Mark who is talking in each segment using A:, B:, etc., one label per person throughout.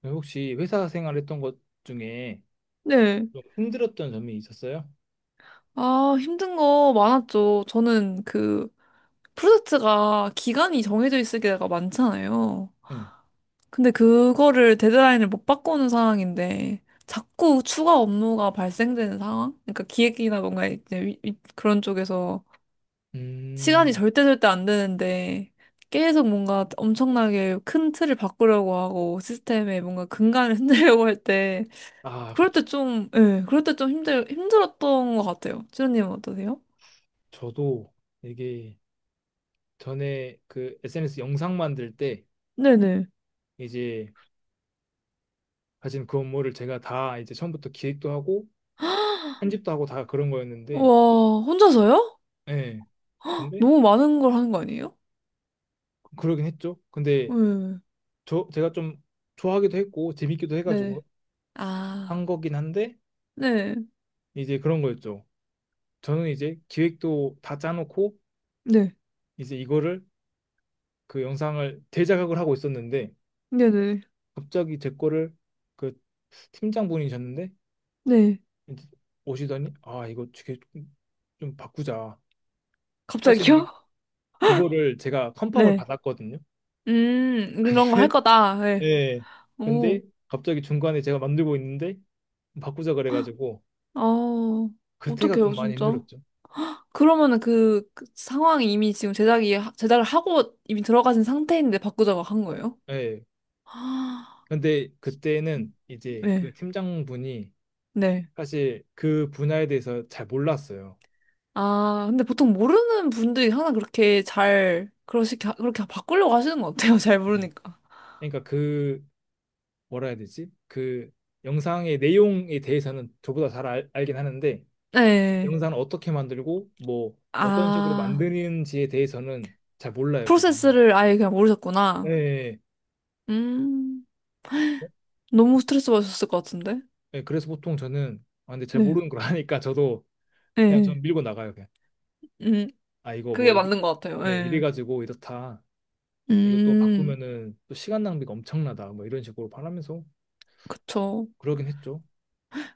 A: 네, 혹시 회사 생활했던 것 중에
B: 네.
A: 좀 힘들었던 점이 있었어요?
B: 아, 힘든 거 많았죠. 저는 그 프로젝트가 기간이 정해져 있을 때가 많잖아요.
A: 네.
B: 근데 그거를 데드라인을 못 바꾸는 상황인데 자꾸 추가 업무가 발생되는 상황? 그러니까 기획이나 뭔가 이제 그런 쪽에서 시간이
A: 음,
B: 절대 절대 안 되는데 계속 뭔가 엄청나게 큰 틀을 바꾸려고 하고 시스템에 뭔가 근간을 흔들려고 할 때
A: 아,
B: 그럴
A: 그쵸.
B: 때 좀, 예, 그럴 때 좀 힘들었던 것 같아요. 지연님은 어떠세요?
A: 저도 이게 전에 그 SNS 영상 만들 때
B: 네네.
A: 이제 가진 그 업무를 제가 다 이제 처음부터 기획도 하고 편집도 하고 다 그런 거였는데,
B: 와, 혼자서요?
A: 예. 근데
B: 너무 많은 걸 하는 거 아니에요?
A: 그러긴 했죠. 근데
B: 네.
A: 제가 좀 좋아하기도 했고 재밌기도
B: 네.
A: 해가지고
B: 아,
A: 한 거긴 한데
B: 네.
A: 이제 그런 거였죠. 저는 이제 기획도 다 짜놓고
B: 네.
A: 이제 이거를 그 영상을 대작업을 하고 있었는데
B: 네네.
A: 갑자기 제 거를 그 팀장분이셨는데
B: 네.
A: 이제 오시더니 아 이거 되게 좀좀 바꾸자. 사실 이게
B: 갑자기요?
A: 그거를 제가 컨펌을
B: 네.
A: 받았거든요.
B: 이런 거 할 거다. 네.
A: 예. 근데
B: 오,
A: 갑자기 중간에 제가 만들고 있는데 바꾸자 그래가지고
B: 아,
A: 그때가 좀
B: 어떡해요,
A: 많이
B: 진짜.
A: 힘들었죠.
B: 그러면은 그, 그 상황이 이미 지금 제작을 하고 이미 들어가신 상태인데 바꾸자고 한 거예요?
A: 예.
B: 아,
A: 근데 그때는 이제 그
B: 네.
A: 팀장분이
B: 네.
A: 사실 그 분야에 대해서 잘 몰랐어요.
B: 아, 근데 보통 모르는 분들이 항상 그렇게 잘, 그렇게 바꾸려고 하시는 것 같아요. 잘
A: 네.
B: 모르니까.
A: 그러니까 그 뭐라 해야 되지? 그 영상의 내용에 대해서는 저보다 잘 알긴 하는데
B: 네.
A: 영상을 어떻게 만들고 뭐 어떤 식으로
B: 아,
A: 만드는지에 대해서는 잘 몰라요, 그분이.
B: 프로세스를 아예 그냥
A: 예.
B: 모르셨구나.
A: 예.
B: 음,
A: 어?
B: 너무 스트레스 받으셨을 것 같은데?
A: 예, 예, 그래서 보통 저는 아 근데 잘
B: 네.
A: 모르는 걸 하니까 저도 그냥 전
B: 네.
A: 밀고 나가요, 그냥.
B: 음,
A: 아 이거
B: 그게
A: 뭐 이리,
B: 맞는 것 같아요.
A: 예, 이래
B: 네.
A: 가지고 이렇다. 이거 또
B: 음,
A: 바꾸면은 또 시간 낭비가 엄청나다. 뭐 이런 식으로 말하면서
B: 그쵸.
A: 그러긴 했죠.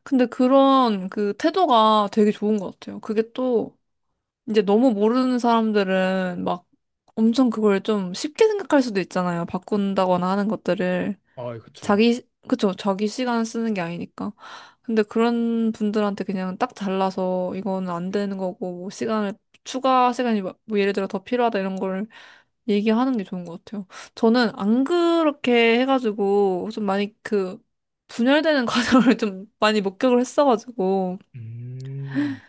B: 근데 그런 그 태도가 되게 좋은 것 같아요. 그게 또, 이제 너무 모르는 사람들은 막 엄청 그걸 좀 쉽게 생각할 수도 있잖아요. 바꾼다거나 하는 것들을.
A: 아, 그쵸.
B: 자기, 그쵸, 자기 시간 쓰는 게 아니니까. 근데 그런 분들한테 그냥 딱 잘라서 이거는 안 되는 거고, 뭐 시간을, 추가 시간이 뭐 뭐 예를 들어 더 필요하다 이런 걸 얘기하는 게 좋은 것 같아요. 저는 안 그렇게 해가지고 좀 많이 그 분열되는 과정을 좀 많이 목격을 했어가지고
A: 음.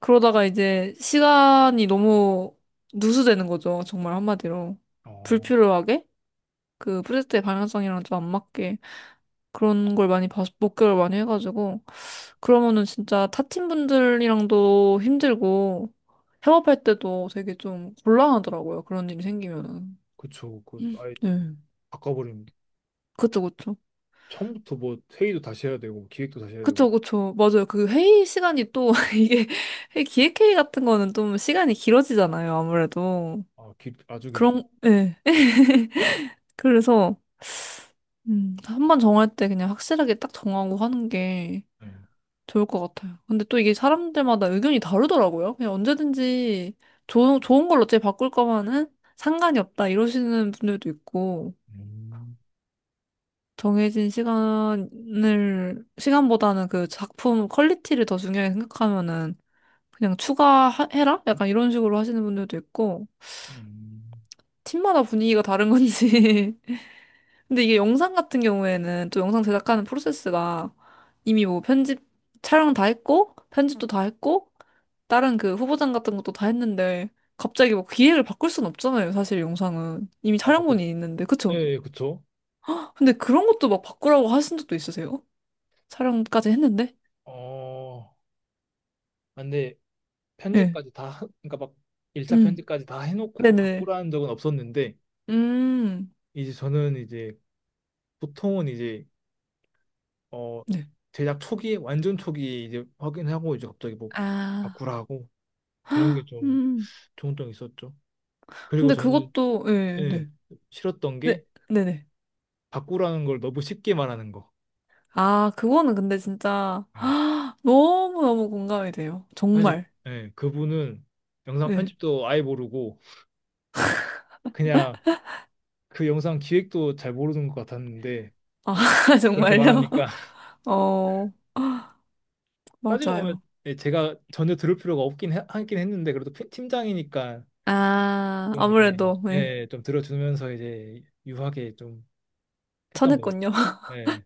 B: 그러다가 이제 시간이 너무 누수되는 거죠. 정말 한마디로.
A: 어,
B: 불필요하게? 그 프로젝트의 방향성이랑 좀 안 맞게. 그런 걸 많이 봐서 목격을 많이 해가지고 그러면은 진짜 타팀 분들이랑도 힘들고 협업할 때도 되게 좀 곤란하더라고요. 그런 일이 생기면은.
A: 그쵸. 그
B: 음.
A: 아예
B: 네.
A: 뭐 바꿔버리면
B: 그쵸, 그쵸.
A: 처음부터 뭐 회의도 다시 해야 되고 기획도 다시 해야 되고
B: 그쵸, 그쵸. 맞아요. 그 회의 시간이 또 이게 회의 기획회의 같은 거는 좀 시간이 길어지잖아요. 아무래도.
A: 아, 아주 길죠.
B: 그런, 예. 그래서 한 번 정할 때 그냥 확실하게 딱 정하고 하는 게
A: 네.
B: 좋을 것 같아요. 근데 또 이게 사람들마다 의견이 다르더라고요. 그냥 언제든지 좋은 걸로 어차피 바꿀 거면은 상관이 없다 이러시는 분들도 있고,
A: 음,
B: 정해진 시간보다는 그 작품 퀄리티를 더 중요하게 생각하면은 그냥 추가해라? 약간 이런 식으로 하시는 분들도 있고,
A: 음.
B: 팀마다 분위기가 다른 건지. 근데 이게 영상 같은 경우에는 또 영상 제작하는 프로세스가 이미 뭐 편집, 촬영 다 했고, 편집도 다 했고, 다른 그 후보장 같은 것도 다 했는데 갑자기 뭐 기획을 바꿀 순 없잖아요. 사실 영상은 이미
A: 아, 바꿔.
B: 촬영본이 있는데
A: 네,
B: 그쵸?
A: 예, 그쵸.
B: 근데 그런 것도 막 바꾸라고 하신 적도 있으세요? 촬영까지 했는데?
A: 어, 아, 근데
B: 네.
A: 편집까지 다, 그러니까 막 1차
B: 음.
A: 편집까지 다 해놓고
B: 네네.
A: 바꾸라는 적은 없었는데,
B: 음.
A: 이제 저는 이제 보통은 이제, 어,
B: 네.
A: 제작 초기에, 완전 초기에 이제 확인하고 이제 갑자기 뭐
B: 아.
A: 바꾸라고 그런 게 좀
B: 음.
A: 종종 있었죠. 그리고
B: 근데
A: 저는,
B: 그것도 예,
A: 예,
B: 네.
A: 싫었던
B: 네.
A: 게
B: 네네.
A: 바꾸라는 걸 너무 쉽게 말하는 거.
B: 아, 그거는 근데 진짜 너무너무 공감이 돼요.
A: 사실
B: 정말.
A: 예, 그분은 영상
B: 예.
A: 편집도 아예 모르고 그냥 그 영상 기획도 잘 모르는 것 같았는데
B: 아,
A: 그렇게
B: 정말요?
A: 말하니까
B: 어.
A: 따지고 보면
B: 맞아요.
A: 예, 제가 전혀 들을 필요가 없긴 하긴 했는데 그래도 팀장이니까
B: 아,
A: 좀 이제
B: 아무래도, 예.
A: 예, 좀 들어주면서 이제 유하게 좀 했던 거예요.
B: 쳐냈군요.
A: 예.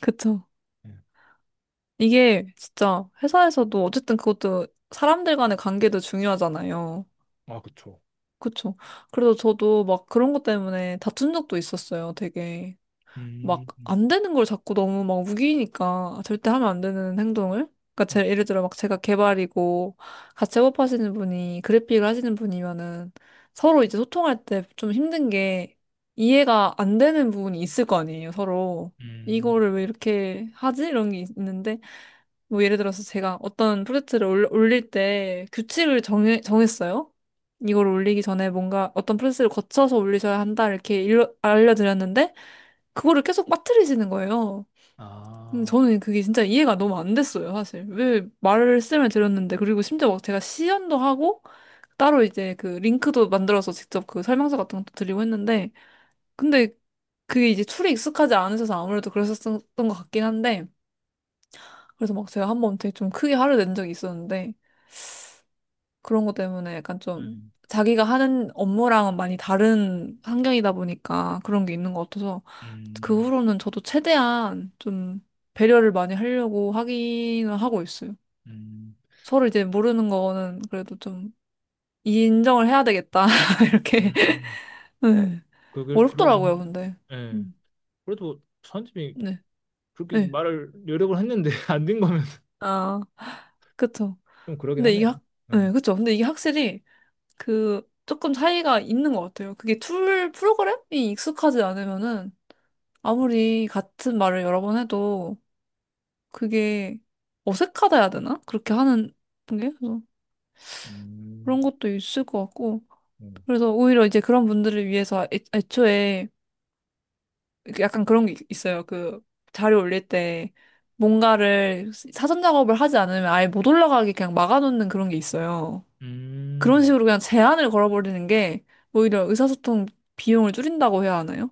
B: 그쵸.
A: 예.
B: 이게 진짜 회사에서도 어쨌든 그것도 사람들 간의 관계도 중요하잖아요.
A: 아, 그쵸.
B: 그쵸. 그래서 저도 막 그런 것 때문에 다툰 적도 있었어요, 되게. 막
A: 음,
B: 안 되는 걸 자꾸 너무 막 우기니까 절대 하면 안 되는 행동을 그러니까
A: 음,
B: 제, 예를 들어 막 제가 개발이고 같이 협업하시는 분이 그래픽을 하시는 분이면은 서로 이제 소통할 때 좀 힘든 게 이해가 안 되는 부분이 있을 거 아니에요 서로
A: 음,
B: 이거를 왜 이렇게 하지? 이런 게 는데 뭐 예를 들어서 제가 어떤 프로젝트를 올릴 때 규칙을 정했어요 이걸 올리기 전에 뭔가 어떤 프로세스를 거쳐서 올리셔야 한다 이렇게 알려드렸는데 그거를 계속 빠뜨리시는 거예요. 근데
A: 아,
B: 저는 그게 진짜 이해가 너무 안 됐어요, 사실. 왜 말씀을 드렸는데, 그리고 심지어 막 제가 시연도 하고, 따로 이제 그 링크도 만들어서 직접 그 설명서 같은 것도 드리고 했는데, 근데 그게 이제 툴이 익숙하지 않으셔서 아무래도 그러셨던 것 같긴 한데, 그래서 막 제가 한 번 되게 좀 크게 화를 낸 적이 있었는데, 그런 것 때문에 약간 좀
A: 음,
B: 자기가 하는 업무랑은 많이 다른 환경이다 보니까 그런 게 있는 것 같아서 그
A: 음,
B: 후로는 저도 최대한 좀 배려를 많이 하려고 하기는 하고 있어요.
A: 음,
B: 서로 이제 모르는 거는 그래도 좀 인정을 해야 되겠다. 이렇게.
A: 음.
B: 네.
A: 그걸 그러긴,
B: 어렵더라고요, 근데.
A: 예.
B: 음,
A: 그래도 선집이
B: 네.
A: 그렇게
B: 네.
A: 말을 여러 번 했는데 안 된 거면
B: 아, 그쵸.
A: 좀 그러긴
B: 근데 이게
A: 하네요.
B: 확, 네,
A: 음,
B: 그쵸. 근데 이게 확실히 그 조금 차이가 있는 것 같아요. 그게 툴 프로그램이 익숙하지 않으면은 아무리 같은 말을 여러 번 해도 그게 어색하다 해야 되나? 그렇게 하는 게? 그래서
A: 음,
B: 그런 것도 있을 것 같고.
A: 음,
B: 그래서 오히려 이제 그런 분들을 위해서 애초에 약간 그런 게 있어요. 그 자료 올릴 때 뭔가를 사전 작업을 하지 않으면 아예 못 올라가게 그냥 막아놓는 그런 게 있어요. 그런
A: 음,
B: 식으로 그냥 제한을 걸어버리는 게 오히려 의사소통 비용을 줄인다고 해야 하나요?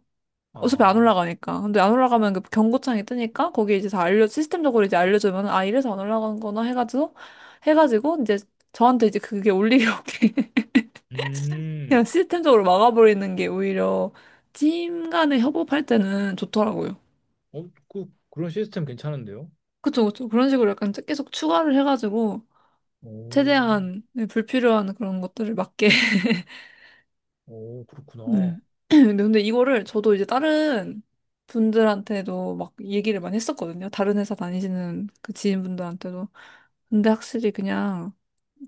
B: 어차피 안
A: 아,
B: 올라가니까. 근데 안 올라가면 그 경고창이 뜨니까 거기 이제 다 알려, 시스템적으로 이제 알려주면, 아, 이래서 안 올라간 거나 해가지고, 이제 저한테 이제 그게 올리려게 그냥
A: 음,
B: 시스템적으로 막아버리는 게 오히려 팀 간에 협업할 때는 좋더라고요.
A: 어, 그런 시스템 괜찮은데요?
B: 그쵸, 그쵸. 그런 식으로 약간 계속 추가를 해가지고,
A: 오,
B: 최대한 불필요한 그런 것들을 막게
A: 오,
B: 네.
A: 그렇구나.
B: 근데 이거를 저도 이제 다른 분들한테도 막 얘기를 많이 했었거든요. 다른 회사 다니시는 그 지인분들한테도. 근데 확실히 그냥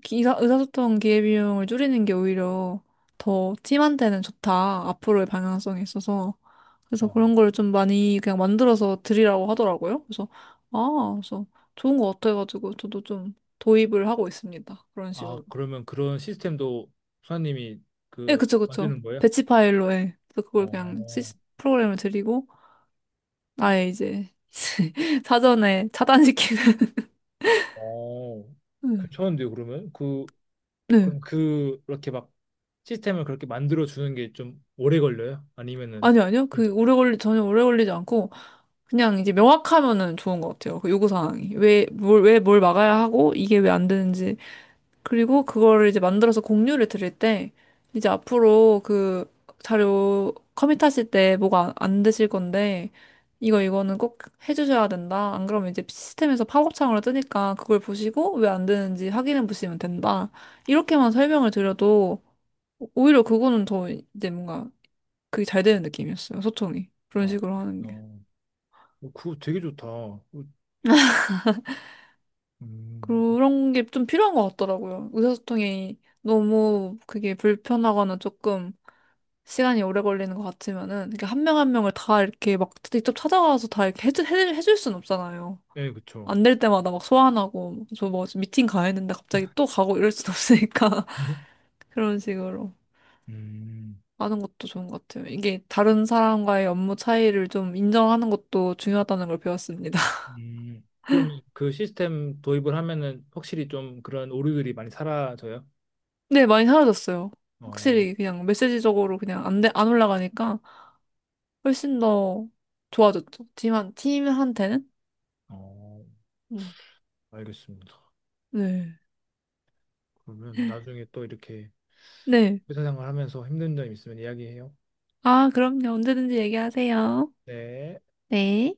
B: 의사소통 기회비용을 줄이는 게 오히려 더 팀한테는 좋다. 앞으로의 방향성에 있어서. 그래서
A: 어,
B: 그런 걸 좀 많이 그냥 만들어서 드리라고 하더라고요. 그래서, 아, 그래서 좋은 것 같아가지고 저도 좀 도입을 하고 있습니다. 그런
A: 아,
B: 식으로.
A: 그러면 그런 시스템도 수사님이
B: 예,
A: 그
B: 그쵸, 그쵸.
A: 만드는 거예요?
B: 배치 파일로, 예. 그래서 그걸 그냥
A: 어,
B: 프로그램을 드리고, 아예 이제 사전에 차단시키는.
A: 어,
B: 음,
A: 괜찮은데요, 그러면? 그,
B: 네.
A: 그럼 그렇게 막 시스템을 그렇게 만들어 주는 게 좀 오래 걸려요? 아니면은,
B: 아니, 아니요.
A: 진짜?
B: 그, 전혀 오래 걸리지 않고, 그냥 이제 명확하면은 좋은 것 같아요. 그 요구사항이. 왜, 뭘, 왜 뭘 막아야 하고, 이게 왜 안 되는지 그리고 그거를 이제 만들어서 공유를 드릴 때 이제 앞으로 그 자료 커밋하실 때 뭐가 안 되실 건데 이거는 꼭 해주셔야 된다. 안 그러면 이제 시스템에서 팝업창으로 뜨니까 그걸 보시고 왜 안 되는지 확인해 보시면 된다. 이렇게만 설명을 드려도 오히려 그거는 더 이제 뭔가 그게 잘 되는 느낌이었어요. 소통이. 그런
A: 어,
B: 식으로 하는 게.
A: 어. 어, 그거 되게 좋다. 어, 음,
B: 그런 게 좀 필요한 것 같더라고요. 의사소통이 너무 그게 불편하거나 조금 시간이 오래 걸리는 것 같으면은 이렇게 한 명 한 명을 다 이렇게 막 직접 찾아가서 다 이렇게 해줄 순 없잖아요.
A: 네, 그쵸.
B: 안 될 때마다 막 소환하고 저 뭐 미팅 가야 했는데 갑자기 또 가고 이럴 순 없으니까 그런 식으로
A: 음,
B: 하는 것도 좋은 것 같아요. 이게 다른 사람과의 업무 차이를 좀 인정하는 것도 중요하다는 걸 배웠습니다.
A: 그럼 그 시스템 도입을 하면은 확실히 좀 그런 오류들이 많이 사라져요?
B: 네, 많이 사라졌어요.
A: 어,
B: 확실히 그냥 메시지적으로 그냥 안 올라가니까 훨씬 더 좋아졌죠. 팀한테는?
A: 어,
B: 음.
A: 알겠습니다.
B: 네.
A: 그러면 나중에 또 이렇게
B: 네.
A: 회사 생활하면서 힘든 점 있으면 이야기해요.
B: 아, 그럼요. 언제든지 얘기하세요.
A: 네.
B: 네.